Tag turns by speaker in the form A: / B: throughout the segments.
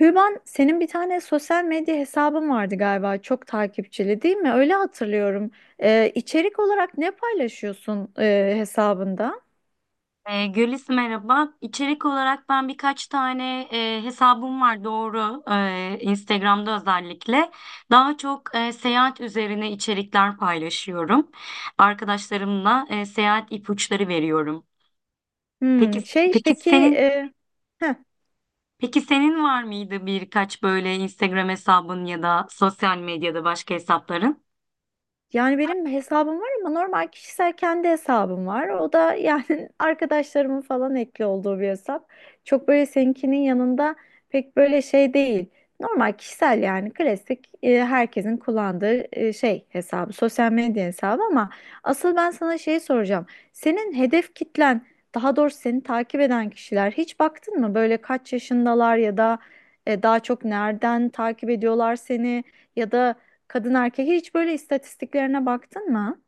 A: Hüban, senin bir tane sosyal medya hesabın vardı galiba, çok takipçili değil mi? Öyle hatırlıyorum. İçerik olarak ne paylaşıyorsun hesabında?
B: Gülis merhaba. İçerik olarak ben birkaç tane hesabım var doğru. Instagram'da özellikle. Daha çok seyahat üzerine içerikler paylaşıyorum. Arkadaşlarımla seyahat ipuçları veriyorum. Peki
A: Hmm, şey
B: peki
A: peki,
B: senin
A: e, heh,
B: peki senin var mıydı birkaç böyle Instagram hesabın ya da sosyal medyada başka hesapların?
A: Yani benim hesabım var ama normal kişisel kendi hesabım var. O da yani arkadaşlarımın falan ekli olduğu bir hesap. Çok böyle seninkinin yanında pek böyle şey değil. Normal kişisel yani klasik herkesin kullandığı şey hesabı, sosyal medya hesabı ama asıl ben sana şeyi soracağım. Senin hedef kitlen, daha doğrusu seni takip eden kişiler hiç baktın mı? Böyle kaç yaşındalar ya da daha çok nereden takip ediyorlar seni? Ya da kadın erkek hiç böyle istatistiklerine baktın mı?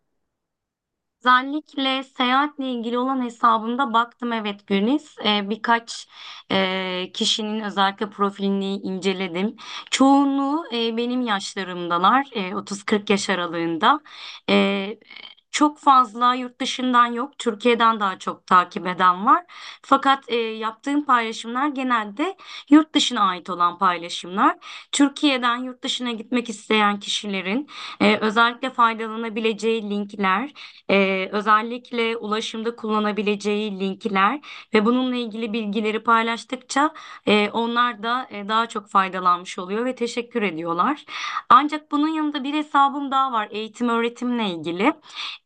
B: Özellikle seyahatle ilgili olan hesabımda baktım, evet Güliz. Birkaç kişinin özellikle profilini inceledim. Çoğunluğu benim yaşlarımdalar, 30-40 yaş aralığında. E, Çok fazla yurt dışından yok, Türkiye'den daha çok takip eden var. Fakat yaptığım paylaşımlar genelde yurt dışına ait olan paylaşımlar. Türkiye'den yurt dışına gitmek isteyen kişilerin özellikle faydalanabileceği linkler. Özellikle ulaşımda kullanabileceği linkler ve bununla ilgili bilgileri paylaştıkça onlar da daha çok faydalanmış oluyor ve teşekkür ediyorlar. Ancak bunun yanında bir hesabım daha var, eğitim öğretimle ilgili.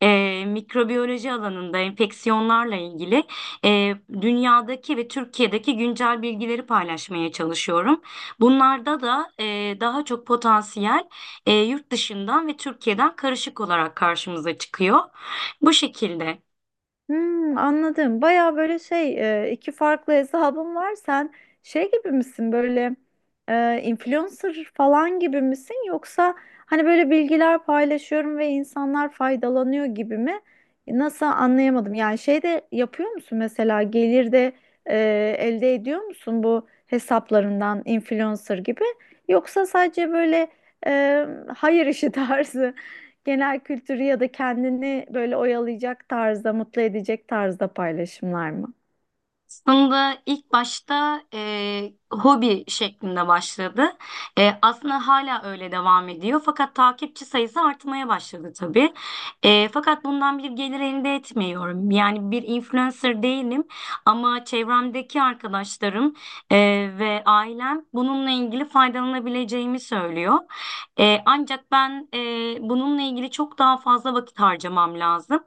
B: Mikrobiyoloji alanında enfeksiyonlarla ilgili e, dünyadaki ve Türkiye'deki güncel bilgileri paylaşmaya çalışıyorum. Bunlarda da daha çok potansiyel yurt dışından ve Türkiye'den karışık olarak karşımıza çıkıyor. Bu şekilde.
A: Hmm, anladım. Baya böyle iki farklı hesabım var. Sen şey gibi misin böyle influencer falan gibi misin? Yoksa hani böyle bilgiler paylaşıyorum ve insanlar faydalanıyor gibi mi? Nasıl anlayamadım. Yani şey de yapıyor musun mesela gelir de e, elde ediyor musun bu hesaplarından influencer gibi? Yoksa sadece böyle e, hayır işi tarzı, genel kültürü ya da kendini böyle oyalayacak tarzda, mutlu edecek tarzda paylaşımlar mı?
B: Aslında ilk başta hobi şeklinde başladı. Aslında hala öyle devam ediyor. Fakat takipçi sayısı artmaya başladı tabii. Fakat bundan bir gelir elde etmiyorum. Yani bir influencer değilim, ama çevremdeki arkadaşlarım e, ve ailem bununla ilgili faydalanabileceğimi söylüyor. Ancak ben bununla ilgili çok daha fazla vakit harcamam lazım.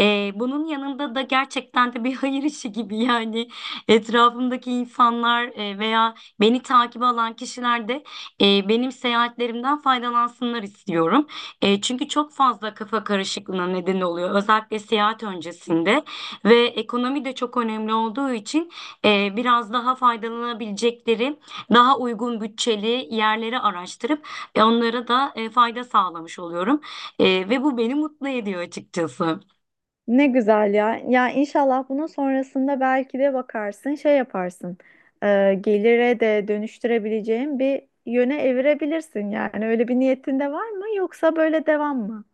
B: Bunun yanında da gerçekten de bir hayır işi gibi, yani etrafımdaki insanlar veya beni takip alan kişiler de benim seyahatlerimden faydalansınlar istiyorum. Çünkü çok fazla kafa karışıklığına neden oluyor özellikle seyahat öncesinde, ve ekonomi de çok önemli olduğu için biraz daha faydalanabilecekleri daha uygun bütçeli yerleri araştırıp onlara da fayda sağlamış oluyorum. Ve bu beni mutlu ediyor açıkçası.
A: Ne güzel ya. Ya inşallah bunun sonrasında belki de bakarsın, şey yaparsın. e, Gelire de dönüştürebileceğin bir yöne evirebilirsin yani. Öyle bir niyetin de var mı yoksa böyle devam mı?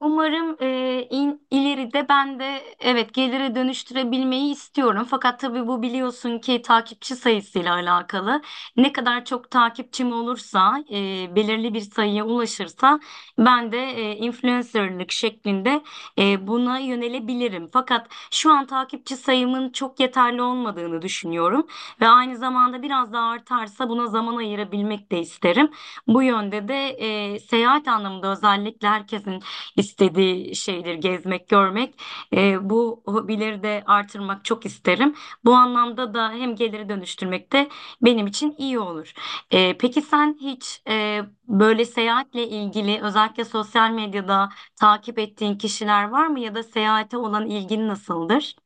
B: Umarım ileride ben de, evet, gelire dönüştürebilmeyi istiyorum. Fakat tabii bu biliyorsun ki takipçi sayısıyla alakalı. Ne kadar çok takipçim olursa, belirli bir sayıya ulaşırsa, ben de influencerlık şeklinde buna yönelebilirim. Fakat şu an takipçi sayımın çok yeterli olmadığını düşünüyorum ve aynı zamanda biraz daha artarsa buna zaman ayırabilmek de isterim. Bu yönde de seyahat anlamında özellikle herkesin istediği şeydir gezmek, görmek. Bu hobileri de artırmak çok isterim. Bu anlamda da hem geliri dönüştürmek de benim için iyi olur. Peki sen hiç böyle seyahatle ilgili özellikle sosyal medyada takip ettiğin kişiler var mı ya da seyahate olan ilgin nasıldır?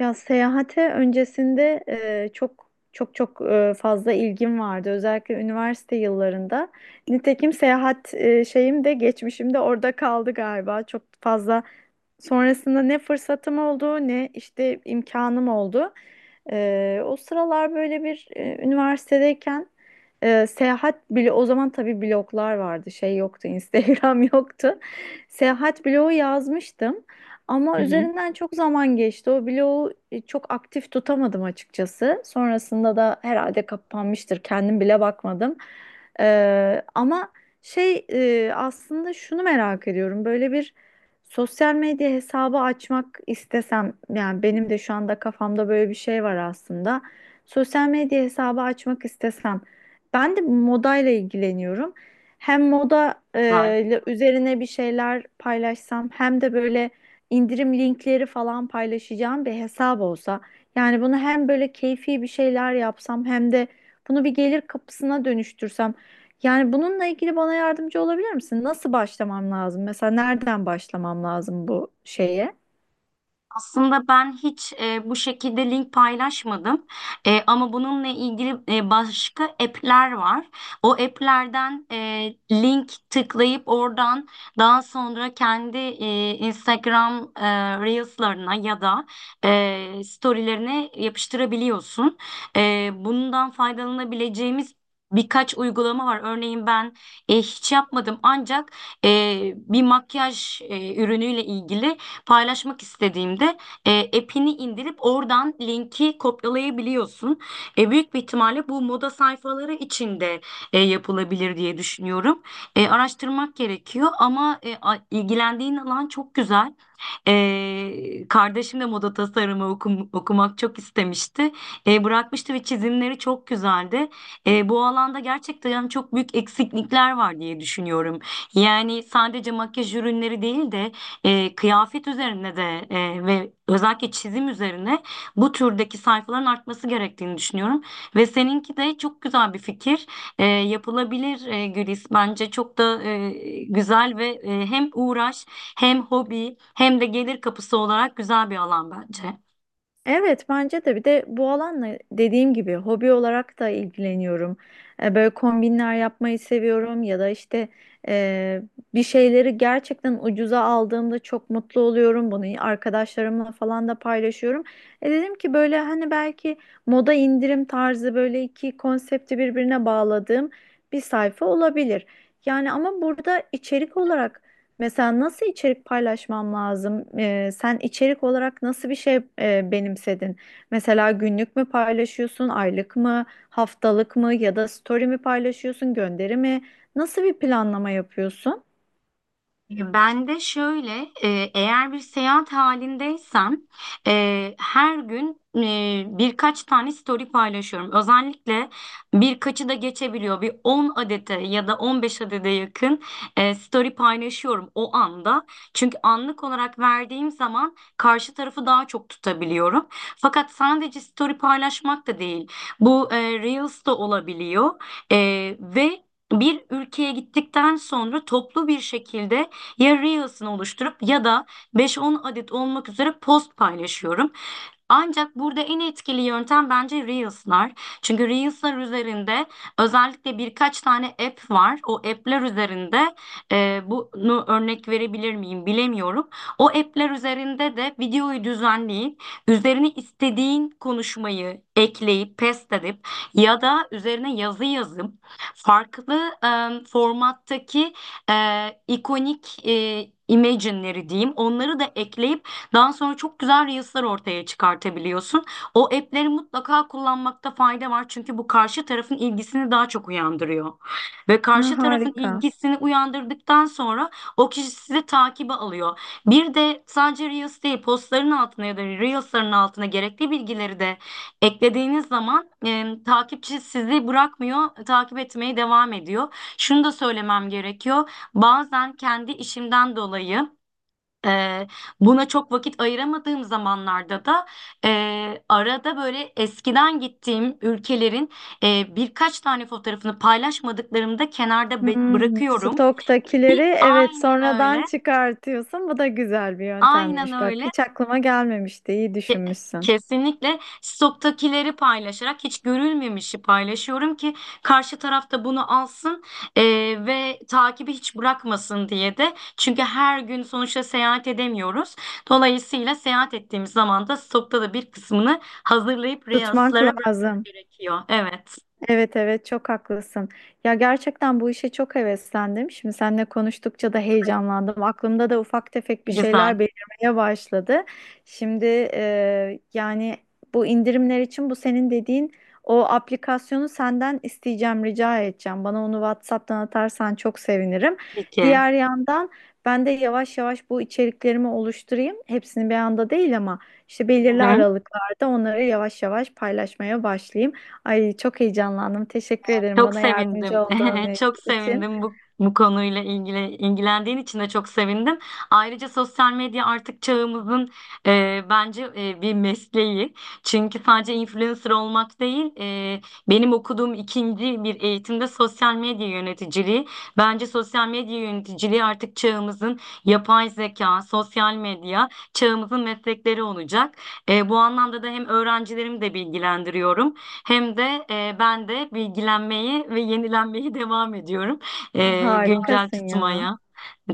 A: Ya seyahate öncesinde e, çok çok fazla ilgim vardı. Özellikle üniversite yıllarında. Nitekim seyahat şeyim de geçmişim de orada kaldı galiba. Çok fazla sonrasında ne fırsatım oldu ne işte imkanım oldu. O sıralar böyle bir üniversitedeyken seyahat bile o zaman tabii bloglar vardı, şey yoktu Instagram yoktu. Seyahat blogu yazmıştım
B: Hı
A: ama
B: hı.
A: üzerinden çok zaman geçti. O blogu çok aktif tutamadım açıkçası. Sonrasında da herhalde kapanmıştır, kendim bile bakmadım. Ama aslında şunu merak ediyorum, böyle bir sosyal medya hesabı açmak istesem, yani benim de şu anda kafamda böyle bir şey var aslında. Sosyal medya hesabı açmak istesem, ben de modayla ilgileniyorum. Hem moda
B: Güzel.
A: ile üzerine bir şeyler paylaşsam hem de böyle indirim linkleri falan paylaşacağım bir hesap olsa. Yani bunu hem böyle keyfi bir şeyler yapsam hem de bunu bir gelir kapısına dönüştürsem, yani bununla ilgili bana yardımcı olabilir misin? Nasıl başlamam lazım? Mesela nereden başlamam lazım bu şeye?
B: Aslında ben hiç bu şekilde link paylaşmadım. Ama bununla ilgili başka app'ler var. O app'lerden link tıklayıp oradan daha sonra kendi Instagram Reels'larına ya da story'lerine yapıştırabiliyorsun. Bundan faydalanabileceğimiz birkaç uygulama var. Örneğin ben hiç yapmadım, ancak bir makyaj ürünüyle ilgili paylaşmak istediğimde app'ini indirip oradan linki kopyalayabiliyorsun. Büyük bir ihtimalle bu moda sayfaları içinde yapılabilir diye düşünüyorum. Araştırmak gerekiyor ama ilgilendiğin alan çok güzel. Kardeşim de moda tasarımı okumak çok istemişti. Bırakmıştı ve çizimleri çok güzeldi. Bu alanda gerçekten yani çok büyük eksiklikler var diye düşünüyorum. Yani sadece makyaj ürünleri değil de kıyafet üzerine de ve özellikle çizim üzerine bu türdeki sayfaların artması gerektiğini düşünüyorum. Ve seninki de çok güzel bir fikir. Yapılabilir Gülis. Bence çok da güzel ve hem uğraş, hem hobi, hem de gelir kapısı olarak güzel bir alan bence.
A: Evet, bence de. Bir de bu alanla, dediğim gibi, hobi olarak da ilgileniyorum. E, Böyle kombinler yapmayı seviyorum ya da işte e, bir şeyleri gerçekten ucuza aldığımda çok mutlu oluyorum. Bunu arkadaşlarımla falan da paylaşıyorum. E dedim ki böyle hani belki moda indirim tarzı böyle iki konsepti birbirine bağladığım bir sayfa olabilir. Yani ama burada içerik olarak, mesela nasıl içerik paylaşmam lazım? Sen içerik olarak nasıl bir şey benimsedin? Mesela günlük mü paylaşıyorsun, aylık mı, haftalık mı ya da story mi paylaşıyorsun, gönderi mi? Nasıl bir planlama yapıyorsun?
B: Ben de şöyle, eğer bir seyahat halindeysem her gün birkaç tane story paylaşıyorum. Özellikle birkaçı da geçebiliyor. Bir 10 adete ya da 15 adede yakın story paylaşıyorum o anda. Çünkü anlık olarak verdiğim zaman karşı tarafı daha çok tutabiliyorum. Fakat sadece story paylaşmak da değil. Bu Reels da olabiliyor. E, ve bir ülkeye gittikten sonra toplu bir şekilde ya Reels'ını oluşturup ya da 5-10 adet olmak üzere post paylaşıyorum. Ancak burada en etkili yöntem bence Reels'lar. Çünkü Reels'lar üzerinde özellikle birkaç tane app var. O app'ler üzerinde bunu örnek verebilir miyim bilemiyorum. O app'ler üzerinde de videoyu düzenleyip üzerine istediğin konuşmayı ekleyip paste edip ya da üzerine yazı yazıp farklı formattaki ikonik imagine'leri diyeyim, onları da ekleyip daha sonra çok güzel reels'lar ortaya çıkartabiliyorsun. O app'leri mutlaka kullanmakta fayda var. Çünkü bu karşı tarafın ilgisini daha çok uyandırıyor. Ve
A: Ne
B: karşı tarafın
A: harika.
B: ilgisini uyandırdıktan sonra o kişi sizi takibe alıyor. Bir de sadece reels değil, postların altına ya da reels'ların altına gerekli bilgileri de eklediğiniz zaman takipçi sizi bırakmıyor, takip etmeye devam ediyor. Şunu da söylemem gerekiyor. Bazen kendi işimden dolayı ee, buna çok vakit ayıramadığım zamanlarda da arada böyle eskiden gittiğim ülkelerin birkaç tane fotoğrafını paylaşmadıklarımda kenarda
A: Hmm,
B: bırakıyorum. Ki
A: stoktakileri evet
B: aynen öyle.
A: sonradan çıkartıyorsun. Bu da güzel bir
B: Aynen
A: yöntemmiş. Bak
B: öyle.
A: hiç aklıma gelmemişti. İyi
B: Ke-
A: düşünmüşsün.
B: Kesinlikle stoktakileri paylaşarak hiç görülmemişi paylaşıyorum ki karşı tarafta bunu alsın e, ve takibi hiç bırakmasın diye de. Çünkü her gün sonuçta seyahat edemiyoruz. Dolayısıyla seyahat ettiğimiz zaman da stokta da bir kısmını hazırlayıp
A: Tutmak
B: Reels'lara bırakmak
A: lazım.
B: gerekiyor. Evet,
A: Evet, evet, çok haklısın. Ya gerçekten bu işe çok heveslendim. Şimdi seninle konuştukça da heyecanlandım. Aklımda da ufak tefek bir şeyler
B: güzel.
A: belirmeye başladı. Şimdi yani bu indirimler için bu senin dediğin o aplikasyonu senden isteyeceğim, rica edeceğim. Bana onu WhatsApp'tan atarsan çok sevinirim.
B: Peki.
A: Diğer yandan ben de yavaş yavaş bu içeriklerimi oluşturayım. Hepsini bir anda değil ama işte
B: Hı
A: belirli
B: hı.
A: aralıklarda onları yavaş yavaş paylaşmaya başlayayım. Ay çok heyecanlandım. Teşekkür ederim
B: Çok
A: bana
B: sevindim.
A: yardımcı olduğun
B: Çok
A: için.
B: sevindim, bu konuyla ilgili ilgilendiğin için de çok sevindim. Ayrıca sosyal medya artık çağımızın bence bir mesleği. Çünkü sadece influencer olmak değil, benim okuduğum ikinci bir eğitimde sosyal medya yöneticiliği. Bence sosyal medya yöneticiliği artık çağımızın, yapay zeka, sosyal medya çağımızın meslekleri olacak. Bu anlamda da hem öğrencilerimi de bilgilendiriyorum, hem de ben de bilgilenmeyi ve yenilenmeyi devam ediyorum. Güncel
A: Harikasın ya.
B: tutmaya.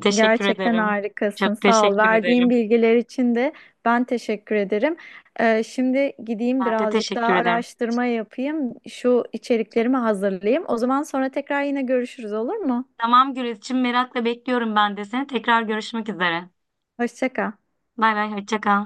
B: Teşekkür
A: Gerçekten
B: ederim.
A: harikasın.
B: Çok
A: Sağ ol.
B: teşekkür ederim.
A: Verdiğin bilgiler için de ben teşekkür ederim. Şimdi gideyim
B: Ben de
A: birazcık daha
B: teşekkür ederim.
A: araştırma yapayım. Şu içeriklerimi hazırlayayım. O zaman sonra tekrar yine görüşürüz, olur mu?
B: Tamam Gürizciğim, merakla bekliyorum ben de seni. Tekrar görüşmek üzere.
A: Hoşça kal.
B: Bay bay, hoşça kal.